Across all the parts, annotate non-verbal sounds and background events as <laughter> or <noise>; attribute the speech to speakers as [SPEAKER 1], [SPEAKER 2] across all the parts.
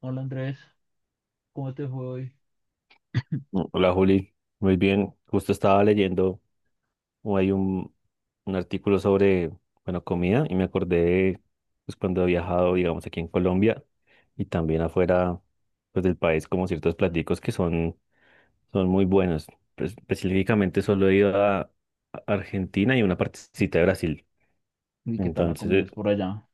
[SPEAKER 1] Hola Andrés, ¿cómo te fue hoy?
[SPEAKER 2] Hola Juli, muy bien. Justo estaba leyendo, o hay un artículo sobre, bueno, comida y me acordé, pues cuando he viajado, digamos, aquí en Colombia y también afuera, pues del país, como ciertos platicos que son, son muy buenos. Pues, específicamente solo he ido a Argentina y una partecita de Brasil.
[SPEAKER 1] ¿Y qué tal la comida
[SPEAKER 2] Entonces,
[SPEAKER 1] es por allá?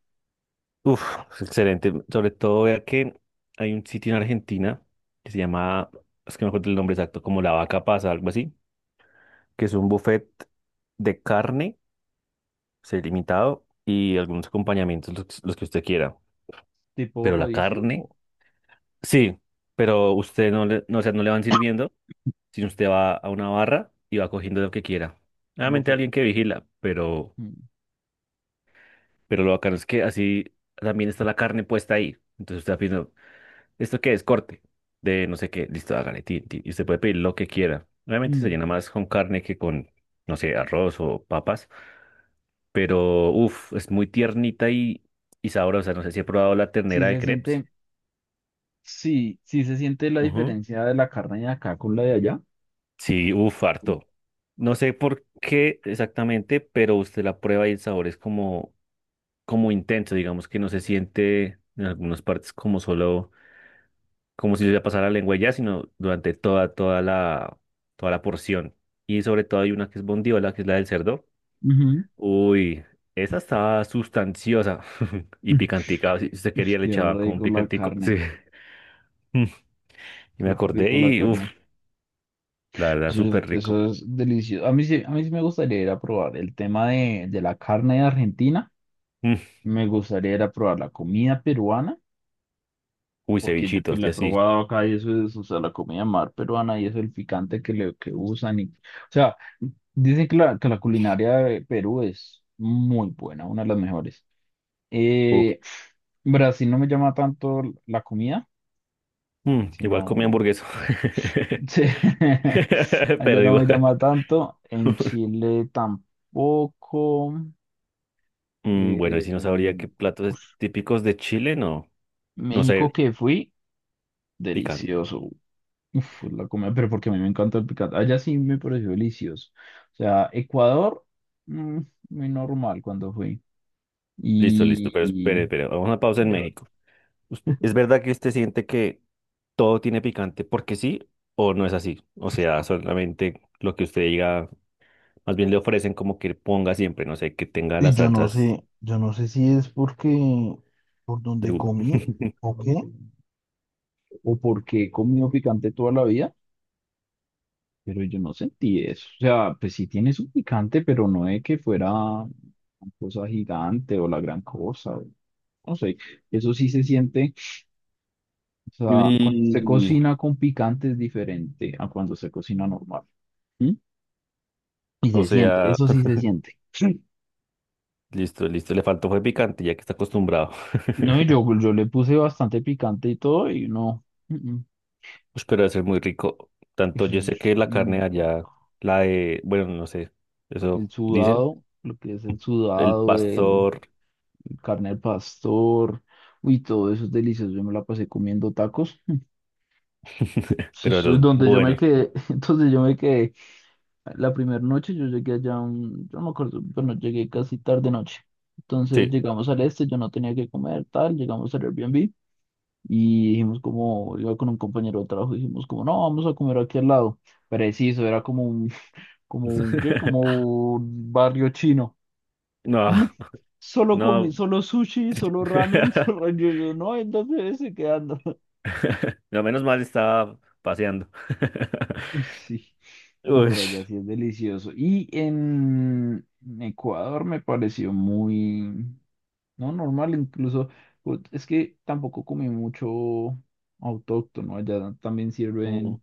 [SPEAKER 2] uff, excelente. Sobre todo, vea que hay un sitio en Argentina que se llama, es que no me acuerdo el nombre exacto, como La Vaca Pasa, algo así que es un buffet de carne, sí, limitado, y algunos acompañamientos, los que usted quiera.
[SPEAKER 1] ¿Tipo
[SPEAKER 2] Pero la
[SPEAKER 1] rodicio o
[SPEAKER 2] carne, sí, pero usted no o sea, no le van sirviendo, sino usted va a una barra y va cogiendo lo que quiera. Obviamente
[SPEAKER 1] buffet?
[SPEAKER 2] alguien que vigila,
[SPEAKER 1] Mm.
[SPEAKER 2] pero lo bacano es que así también está la carne puesta ahí. Entonces usted va pidiendo, ¿esto qué es? Corte de no sé qué, listo, hágale, tin, tin", y usted puede pedir lo que quiera. Obviamente se
[SPEAKER 1] Mm.
[SPEAKER 2] llena más con carne no sé, arroz o papas, pero es muy tiernita y sabrosa. No sé si he probado la
[SPEAKER 1] Sí
[SPEAKER 2] ternera de
[SPEAKER 1] se
[SPEAKER 2] crepes.
[SPEAKER 1] siente, sí, sí se siente la
[SPEAKER 2] Ujú.
[SPEAKER 1] diferencia de la carne de acá con la de allá.
[SPEAKER 2] Sí, harto. No sé por qué exactamente, pero usted la prueba y el sabor es como, como intenso, digamos que no se siente en algunas partes como solo, como si le pasara la lengua y ya, sino durante toda la, toda la porción. Y sobre todo hay una que es bondiola, que es la del cerdo.
[SPEAKER 1] Ujú.
[SPEAKER 2] Uy, esa estaba sustanciosa <laughs> y
[SPEAKER 1] <laughs>
[SPEAKER 2] picantica. Si usted
[SPEAKER 1] Es
[SPEAKER 2] quería, le
[SPEAKER 1] que
[SPEAKER 2] echaba como un
[SPEAKER 1] rico la
[SPEAKER 2] picantico. Sí.
[SPEAKER 1] carne,
[SPEAKER 2] <laughs> Y me
[SPEAKER 1] qué
[SPEAKER 2] acordé
[SPEAKER 1] rico la
[SPEAKER 2] y,
[SPEAKER 1] carne.
[SPEAKER 2] la verdad,
[SPEAKER 1] Eso, es,
[SPEAKER 2] súper rico.
[SPEAKER 1] eso es delicioso. A mí sí me gustaría ir a probar el tema de la carne de Argentina.
[SPEAKER 2] Mm,
[SPEAKER 1] Me gustaría ir a probar la comida peruana,
[SPEAKER 2] Uy,
[SPEAKER 1] porque yo pues
[SPEAKER 2] cevichitos,
[SPEAKER 1] la
[SPEAKER 2] de
[SPEAKER 1] he
[SPEAKER 2] así.
[SPEAKER 1] probado acá y eso es, o sea, la comida mar peruana y eso, el picante que usan. Y, o sea, dicen que la culinaria de Perú es muy buena, una de las mejores.
[SPEAKER 2] Uf.
[SPEAKER 1] Eh, Brasil no me llama tanto la comida,
[SPEAKER 2] Igual comí
[SPEAKER 1] sino. <laughs>
[SPEAKER 2] hamburguesa.
[SPEAKER 1] Sí.
[SPEAKER 2] <laughs>
[SPEAKER 1] Allá
[SPEAKER 2] Pero
[SPEAKER 1] no me
[SPEAKER 2] igual.
[SPEAKER 1] llama tanto. En Chile tampoco.
[SPEAKER 2] Bueno, y
[SPEAKER 1] Eh,
[SPEAKER 2] si no sabría qué
[SPEAKER 1] em,
[SPEAKER 2] platos
[SPEAKER 1] uf,
[SPEAKER 2] típicos de Chile, no. No
[SPEAKER 1] México
[SPEAKER 2] sé,
[SPEAKER 1] que fui,
[SPEAKER 2] picante.
[SPEAKER 1] delicioso. Uf, la comida, pero porque a mí me encanta el picante. Allá sí me pareció delicioso. O sea, Ecuador, mm, muy normal cuando fui.
[SPEAKER 2] Listo, listo,
[SPEAKER 1] Y,
[SPEAKER 2] pero espere,
[SPEAKER 1] y
[SPEAKER 2] espere. Vamos a una pausa en
[SPEAKER 1] ya.
[SPEAKER 2] México. ¿Es verdad que usted siente que todo tiene picante porque sí o no es así? O sea, solamente lo que usted diga, más bien le ofrecen como que ponga siempre, no sé, que tenga
[SPEAKER 1] Y
[SPEAKER 2] las
[SPEAKER 1] yo no
[SPEAKER 2] salsas
[SPEAKER 1] sé, yo no sé si es porque por donde
[SPEAKER 2] de...
[SPEAKER 1] comí
[SPEAKER 2] <laughs>
[SPEAKER 1] o qué. O porque he comido picante toda la vida. Pero yo no sentí eso. O sea, pues sí tiene su picante, pero no es que fuera una cosa gigante o la gran cosa. No sé, eso sí se siente. O sea, cuando se
[SPEAKER 2] Y...
[SPEAKER 1] cocina con picante es diferente a cuando se cocina normal. ¿Mm? Y
[SPEAKER 2] O
[SPEAKER 1] se siente,
[SPEAKER 2] sea,
[SPEAKER 1] eso sí se siente. Sí.
[SPEAKER 2] listo, listo. Le faltó fue picante, ya que está acostumbrado.
[SPEAKER 1] No, y yo le puse bastante picante y todo, y no.
[SPEAKER 2] <laughs> Ush, pero debe ser muy rico. Tanto
[SPEAKER 1] Eso
[SPEAKER 2] yo sé
[SPEAKER 1] es
[SPEAKER 2] que la carne de
[SPEAKER 1] muy
[SPEAKER 2] allá,
[SPEAKER 1] rico.
[SPEAKER 2] la de, bueno, no sé,
[SPEAKER 1] El
[SPEAKER 2] eso dicen,
[SPEAKER 1] sudado, lo que es el
[SPEAKER 2] el
[SPEAKER 1] sudado,
[SPEAKER 2] pastor,
[SPEAKER 1] carne al pastor, uy, todo eso es delicioso. Yo me la pasé comiendo tacos.
[SPEAKER 2] pero de
[SPEAKER 1] Eso es
[SPEAKER 2] los
[SPEAKER 1] donde yo me
[SPEAKER 2] buenos.
[SPEAKER 1] quedé, <laughs> entonces yo me quedé la primera noche, yo llegué allá, yo no me acuerdo, bueno, llegué casi tarde noche. Entonces
[SPEAKER 2] Sí.
[SPEAKER 1] llegamos al este, yo no tenía que comer, tal, llegamos al Airbnb y dijimos como, iba con un compañero de trabajo, dijimos como, no, vamos a comer aquí al lado. Preciso, era como un, <laughs> como un, ¿qué?
[SPEAKER 2] <laughs>
[SPEAKER 1] Como un barrio chino.
[SPEAKER 2] No,
[SPEAKER 1] <laughs> Solo comí,
[SPEAKER 2] no.
[SPEAKER 1] solo sushi, solo ramen, <laughs> solo
[SPEAKER 2] <laughs>
[SPEAKER 1] yo, no, entonces dónde quedando.
[SPEAKER 2] No, menos mal estaba paseando. <laughs>
[SPEAKER 1] <laughs> Uy, sí. No,
[SPEAKER 2] Uy,
[SPEAKER 1] pero allá sí es delicioso. Y en Ecuador me pareció muy, no, normal, incluso, pues, es que tampoco comí mucho autóctono, allá también
[SPEAKER 2] no,
[SPEAKER 1] sirven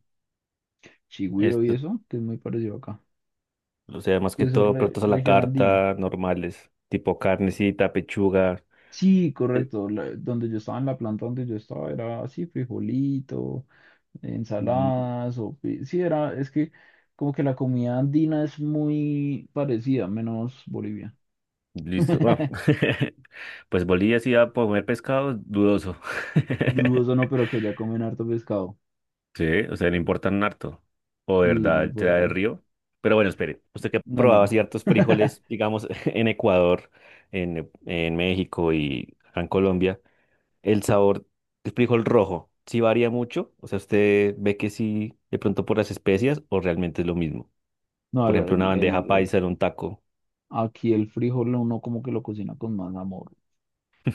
[SPEAKER 1] chigüiro y
[SPEAKER 2] esto,
[SPEAKER 1] eso, que es muy parecido acá,
[SPEAKER 2] o sea, más
[SPEAKER 1] que
[SPEAKER 2] que
[SPEAKER 1] eso es
[SPEAKER 2] todo, platos a la
[SPEAKER 1] región andina.
[SPEAKER 2] carta, normales, tipo carnecita, pechuga.
[SPEAKER 1] Sí,
[SPEAKER 2] eh,
[SPEAKER 1] correcto, donde yo estaba en la planta donde yo estaba era así, frijolito,
[SPEAKER 2] mm,
[SPEAKER 1] Ensaladas. Sí, era, es que como que la comida andina es muy parecida, menos Bolivia.
[SPEAKER 2] Listo. Ah.
[SPEAKER 1] <laughs>
[SPEAKER 2] <laughs> Pues Bolivia sí va a comer pescado, dudoso. <laughs>
[SPEAKER 1] Dudoso no, pero que allá comen harto pescado.
[SPEAKER 2] Sí, o sea, le importan harto. O de
[SPEAKER 1] Sí, no
[SPEAKER 2] verdad, el trae del
[SPEAKER 1] importan.
[SPEAKER 2] río. Pero bueno, espere, usted que
[SPEAKER 1] No, no,
[SPEAKER 2] probaba
[SPEAKER 1] no.
[SPEAKER 2] ciertos
[SPEAKER 1] <laughs>
[SPEAKER 2] frijoles, digamos, <laughs> en Ecuador, en México y acá en Colombia, el sabor del frijol rojo, ¿sí varía mucho? O sea, ¿usted ve que sí, de pronto por las especias, o realmente es lo mismo?
[SPEAKER 1] No,
[SPEAKER 2] Por ejemplo, una bandeja paisa en un taco.
[SPEAKER 1] aquí el frijol uno como que lo cocina con más amor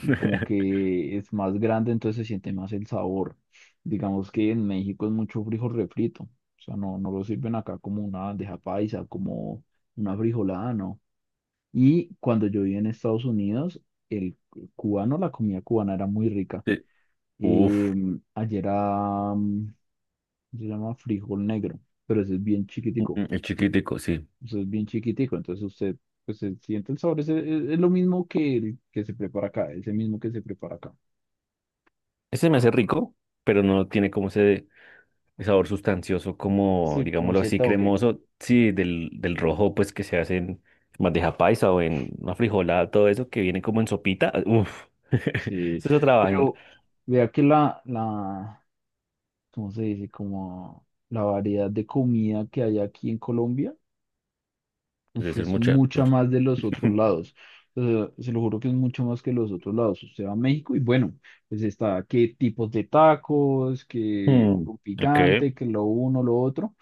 [SPEAKER 1] y como que es más grande, entonces se siente más el sabor. Digamos que en México es mucho frijol refrito, o sea, no, no lo sirven acá como una bandeja paisa, como una frijolada, no. Y cuando yo vivía en Estados Unidos, el cubano, la comida cubana era muy rica.
[SPEAKER 2] Sí.
[SPEAKER 1] Eh,
[SPEAKER 2] Uf,
[SPEAKER 1] allá era, se llama frijol negro, pero ese es bien chiquitico.
[SPEAKER 2] el chiquitico, sí.
[SPEAKER 1] Eso es bien chiquitico, entonces usted pues, se siente el sabor. Es lo mismo que el que se prepara acá, es el mismo que se prepara acá.
[SPEAKER 2] Ese me hace rico, pero no tiene como ese el sabor sustancioso, como,
[SPEAKER 1] Sí, como
[SPEAKER 2] digámoslo así,
[SPEAKER 1] seta o qué.
[SPEAKER 2] cremoso, sí, del rojo, pues que se hace en bandeja paisa o en una frijolada, todo eso que viene como en sopita, ah, uf, <laughs> eso
[SPEAKER 1] Sí,
[SPEAKER 2] es otra vaina.
[SPEAKER 1] pero vea que ¿cómo se dice? Como la variedad de comida que hay aquí en Colombia. Uf,
[SPEAKER 2] Entonces, es
[SPEAKER 1] es
[SPEAKER 2] mucha.
[SPEAKER 1] mucha más de los otros
[SPEAKER 2] <laughs>
[SPEAKER 1] lados. O sea, se lo juro que es mucho más que los otros lados. Usted va a México y bueno, pues está qué tipos de tacos, qué
[SPEAKER 2] Mm,
[SPEAKER 1] con
[SPEAKER 2] Ok,
[SPEAKER 1] picante, que lo uno, lo otro,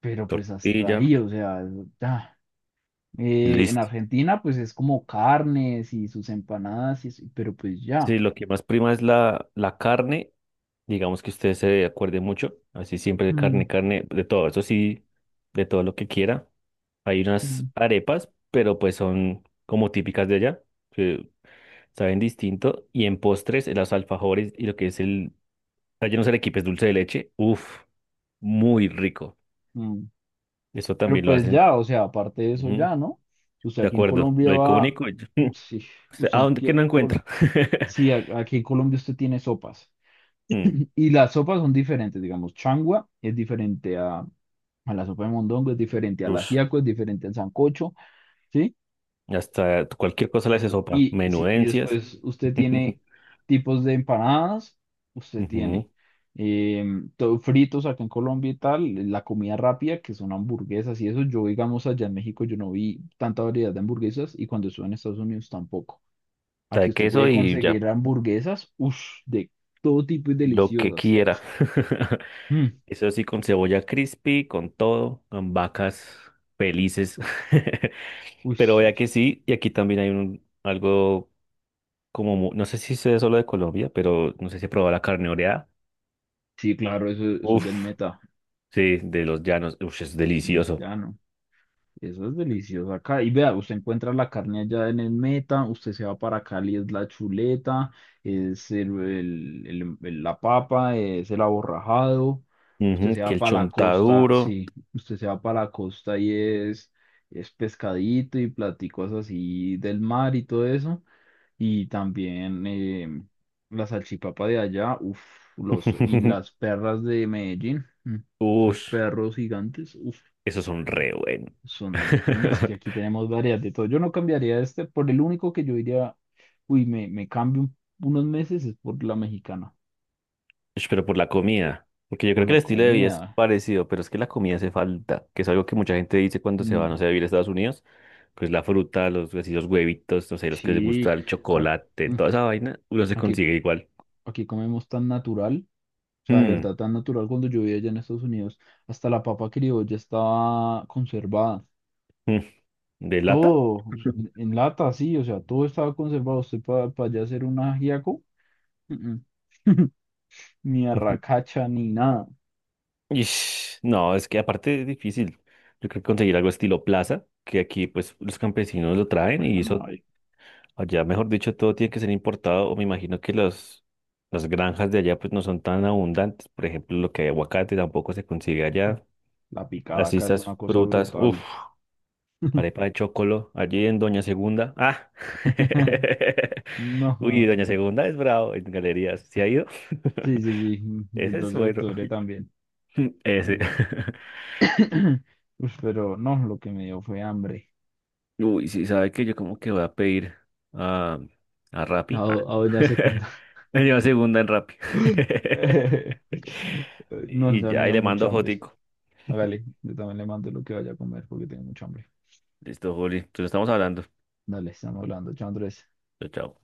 [SPEAKER 1] pero pues hasta
[SPEAKER 2] tortilla,
[SPEAKER 1] ahí, o sea, ya. En
[SPEAKER 2] listo.
[SPEAKER 1] Argentina pues es como carnes y sus empanadas, pero pues
[SPEAKER 2] Sí,
[SPEAKER 1] ya.
[SPEAKER 2] lo que más prima es la carne, digamos que usted se acuerde mucho, así siempre de
[SPEAKER 1] Mm,
[SPEAKER 2] carne, carne, de todo, eso sí, de todo lo que quiera. Hay unas
[SPEAKER 1] mm.
[SPEAKER 2] arepas, pero pues son como típicas de allá. Saben distinto. Y en postres, los alfajores y lo que es el relleno de arequipe es dulce de leche. Uf, muy rico.
[SPEAKER 1] Mm.
[SPEAKER 2] Eso
[SPEAKER 1] Pero
[SPEAKER 2] también lo
[SPEAKER 1] pues
[SPEAKER 2] hacen.
[SPEAKER 1] ya, o sea, aparte de eso
[SPEAKER 2] Ujú,
[SPEAKER 1] ya, ¿no? Usted
[SPEAKER 2] de
[SPEAKER 1] aquí en
[SPEAKER 2] acuerdo,
[SPEAKER 1] Colombia
[SPEAKER 2] lo
[SPEAKER 1] va,
[SPEAKER 2] icónico. <laughs>
[SPEAKER 1] sí,
[SPEAKER 2] O sea,
[SPEAKER 1] usted
[SPEAKER 2] ¿a dónde
[SPEAKER 1] aquí
[SPEAKER 2] que
[SPEAKER 1] en
[SPEAKER 2] no
[SPEAKER 1] Colombia.
[SPEAKER 2] encuentro? <laughs>
[SPEAKER 1] Sí, aquí en Colombia usted tiene sopas.
[SPEAKER 2] Mm,
[SPEAKER 1] Y las sopas son diferentes, digamos, changua es diferente a la sopa de mondongo, es diferente al
[SPEAKER 2] ush,
[SPEAKER 1] ajiaco, es diferente al sancocho, ¿sí?
[SPEAKER 2] hasta cualquier cosa le hace
[SPEAKER 1] Eso.
[SPEAKER 2] sopa.
[SPEAKER 1] Y, sí, y
[SPEAKER 2] Menudencias.
[SPEAKER 1] después usted tiene
[SPEAKER 2] <laughs>
[SPEAKER 1] tipos de empanadas, usted tiene
[SPEAKER 2] Ujú,
[SPEAKER 1] todo fritos acá en Colombia y tal, la comida rápida, que son hamburguesas y eso. Yo, digamos, allá en México yo no vi tanta variedad de hamburguesas y cuando estuve en Estados Unidos tampoco.
[SPEAKER 2] la
[SPEAKER 1] Aquí
[SPEAKER 2] de
[SPEAKER 1] usted
[SPEAKER 2] queso
[SPEAKER 1] puede
[SPEAKER 2] y ya,
[SPEAKER 1] conseguir hamburguesas, uff, de todo tipo y
[SPEAKER 2] lo que
[SPEAKER 1] deliciosas.
[SPEAKER 2] quiera. <laughs>
[SPEAKER 1] Mm,
[SPEAKER 2] Eso sí, con cebolla crispy, con todo, con vacas felices. <laughs>
[SPEAKER 1] uy,
[SPEAKER 2] Pero
[SPEAKER 1] sí,
[SPEAKER 2] vea que sí, y aquí también hay un algo como, no sé si sea solo de Colombia, pero no sé si he probado la carne oreada.
[SPEAKER 1] sí, claro, eso es del
[SPEAKER 2] Uf,
[SPEAKER 1] Meta,
[SPEAKER 2] sí, de los llanos. Uf, es delicioso.
[SPEAKER 1] ya no. Eso es delicioso acá. Y vea, usted encuentra la carne allá en el Meta, usted se va para Cali, es la chuleta, es la papa, es el aborrajado. Usted
[SPEAKER 2] Ujú,
[SPEAKER 1] se
[SPEAKER 2] que
[SPEAKER 1] va
[SPEAKER 2] el
[SPEAKER 1] para la costa,
[SPEAKER 2] chontaduro.
[SPEAKER 1] sí, usted se va para la costa y es pescadito y platicos así del mar y todo eso. Y también la salchipapa de allá, uff, y
[SPEAKER 2] <laughs>
[SPEAKER 1] las perras de Medellín, esos
[SPEAKER 2] Uf,
[SPEAKER 1] perros gigantes, uff,
[SPEAKER 2] esos son re buenos.
[SPEAKER 1] son, no, es que
[SPEAKER 2] <laughs>
[SPEAKER 1] aquí tenemos varias de todo. Yo no cambiaría este, por el único que yo diría, uy, me cambio unos meses es por la mexicana,
[SPEAKER 2] Ush, pero por la comida. Porque yo
[SPEAKER 1] por
[SPEAKER 2] creo que
[SPEAKER 1] la
[SPEAKER 2] el estilo de vida es
[SPEAKER 1] comida.
[SPEAKER 2] parecido, pero es que la comida hace falta, que es algo que mucha gente dice cuando se va,
[SPEAKER 1] Mm,
[SPEAKER 2] no sé, a vivir a Estados Unidos. Pues la fruta, los, así, los huevitos, no sé, los que les gusta
[SPEAKER 1] sí,
[SPEAKER 2] el
[SPEAKER 1] a-
[SPEAKER 2] chocolate,
[SPEAKER 1] mm,
[SPEAKER 2] toda esa vaina, uno se
[SPEAKER 1] aquí,
[SPEAKER 2] consigue igual.
[SPEAKER 1] aquí comemos tan natural, o sea, de
[SPEAKER 2] Mm,
[SPEAKER 1] verdad tan natural. Cuando yo vivía allá en Estados Unidos, hasta la papa criolla estaba conservada.
[SPEAKER 2] mm, ¿De lata?
[SPEAKER 1] Todo en lata, sí, o sea, todo estaba conservado. Usted para allá hacer un ajiaco, mm, mm. <laughs> Ni
[SPEAKER 2] <laughs>
[SPEAKER 1] arracacha ni nada.
[SPEAKER 2] Ish, no, es que aparte es difícil. Yo creo que conseguir algo estilo plaza, que aquí pues los campesinos lo traen
[SPEAKER 1] Allá
[SPEAKER 2] y
[SPEAKER 1] no
[SPEAKER 2] eso
[SPEAKER 1] hay.
[SPEAKER 2] allá, mejor dicho, todo tiene que ser importado o me imagino que los, las granjas de allá pues no son tan abundantes. Por ejemplo, lo que hay aguacate tampoco se consigue allá.
[SPEAKER 1] La picada
[SPEAKER 2] Así
[SPEAKER 1] acá es
[SPEAKER 2] estas
[SPEAKER 1] una cosa
[SPEAKER 2] frutas, uff,
[SPEAKER 1] brutal.
[SPEAKER 2] arepa de chocolo, allí en Doña Segunda. Ah,
[SPEAKER 1] <laughs>
[SPEAKER 2] <laughs>
[SPEAKER 1] No,
[SPEAKER 2] uy,
[SPEAKER 1] ah,
[SPEAKER 2] Doña Segunda es bravo en galerías. ¿Se ha ido?
[SPEAKER 1] sí, sí, sí.
[SPEAKER 2] <laughs>
[SPEAKER 1] Y el
[SPEAKER 2] Ese es
[SPEAKER 1] 12 de
[SPEAKER 2] bueno.
[SPEAKER 1] octubre también.
[SPEAKER 2] <laughs> Ese.
[SPEAKER 1] Eso. <clears throat> Ush, pero no, lo que me dio fue hambre.
[SPEAKER 2] <laughs> Uy, sí, sabe que yo como que voy a pedir a, a
[SPEAKER 1] A,
[SPEAKER 2] Rappi.
[SPEAKER 1] do-
[SPEAKER 2] Ah.
[SPEAKER 1] a
[SPEAKER 2] <laughs>
[SPEAKER 1] doña Secunda.
[SPEAKER 2] Me lleva segunda en Rappi. <laughs>
[SPEAKER 1] <laughs> No,
[SPEAKER 2] Y
[SPEAKER 1] ya me
[SPEAKER 2] ya, y
[SPEAKER 1] dio
[SPEAKER 2] le
[SPEAKER 1] mucha
[SPEAKER 2] mando
[SPEAKER 1] hambre.
[SPEAKER 2] fotico.
[SPEAKER 1] Hágale, yo también le mando lo que vaya a comer porque tengo mucha hambre.
[SPEAKER 2] Listo, Juli. Entonces estamos hablando.
[SPEAKER 1] Dale, estamos hablando. Chao, Andrés.
[SPEAKER 2] Chao, chao.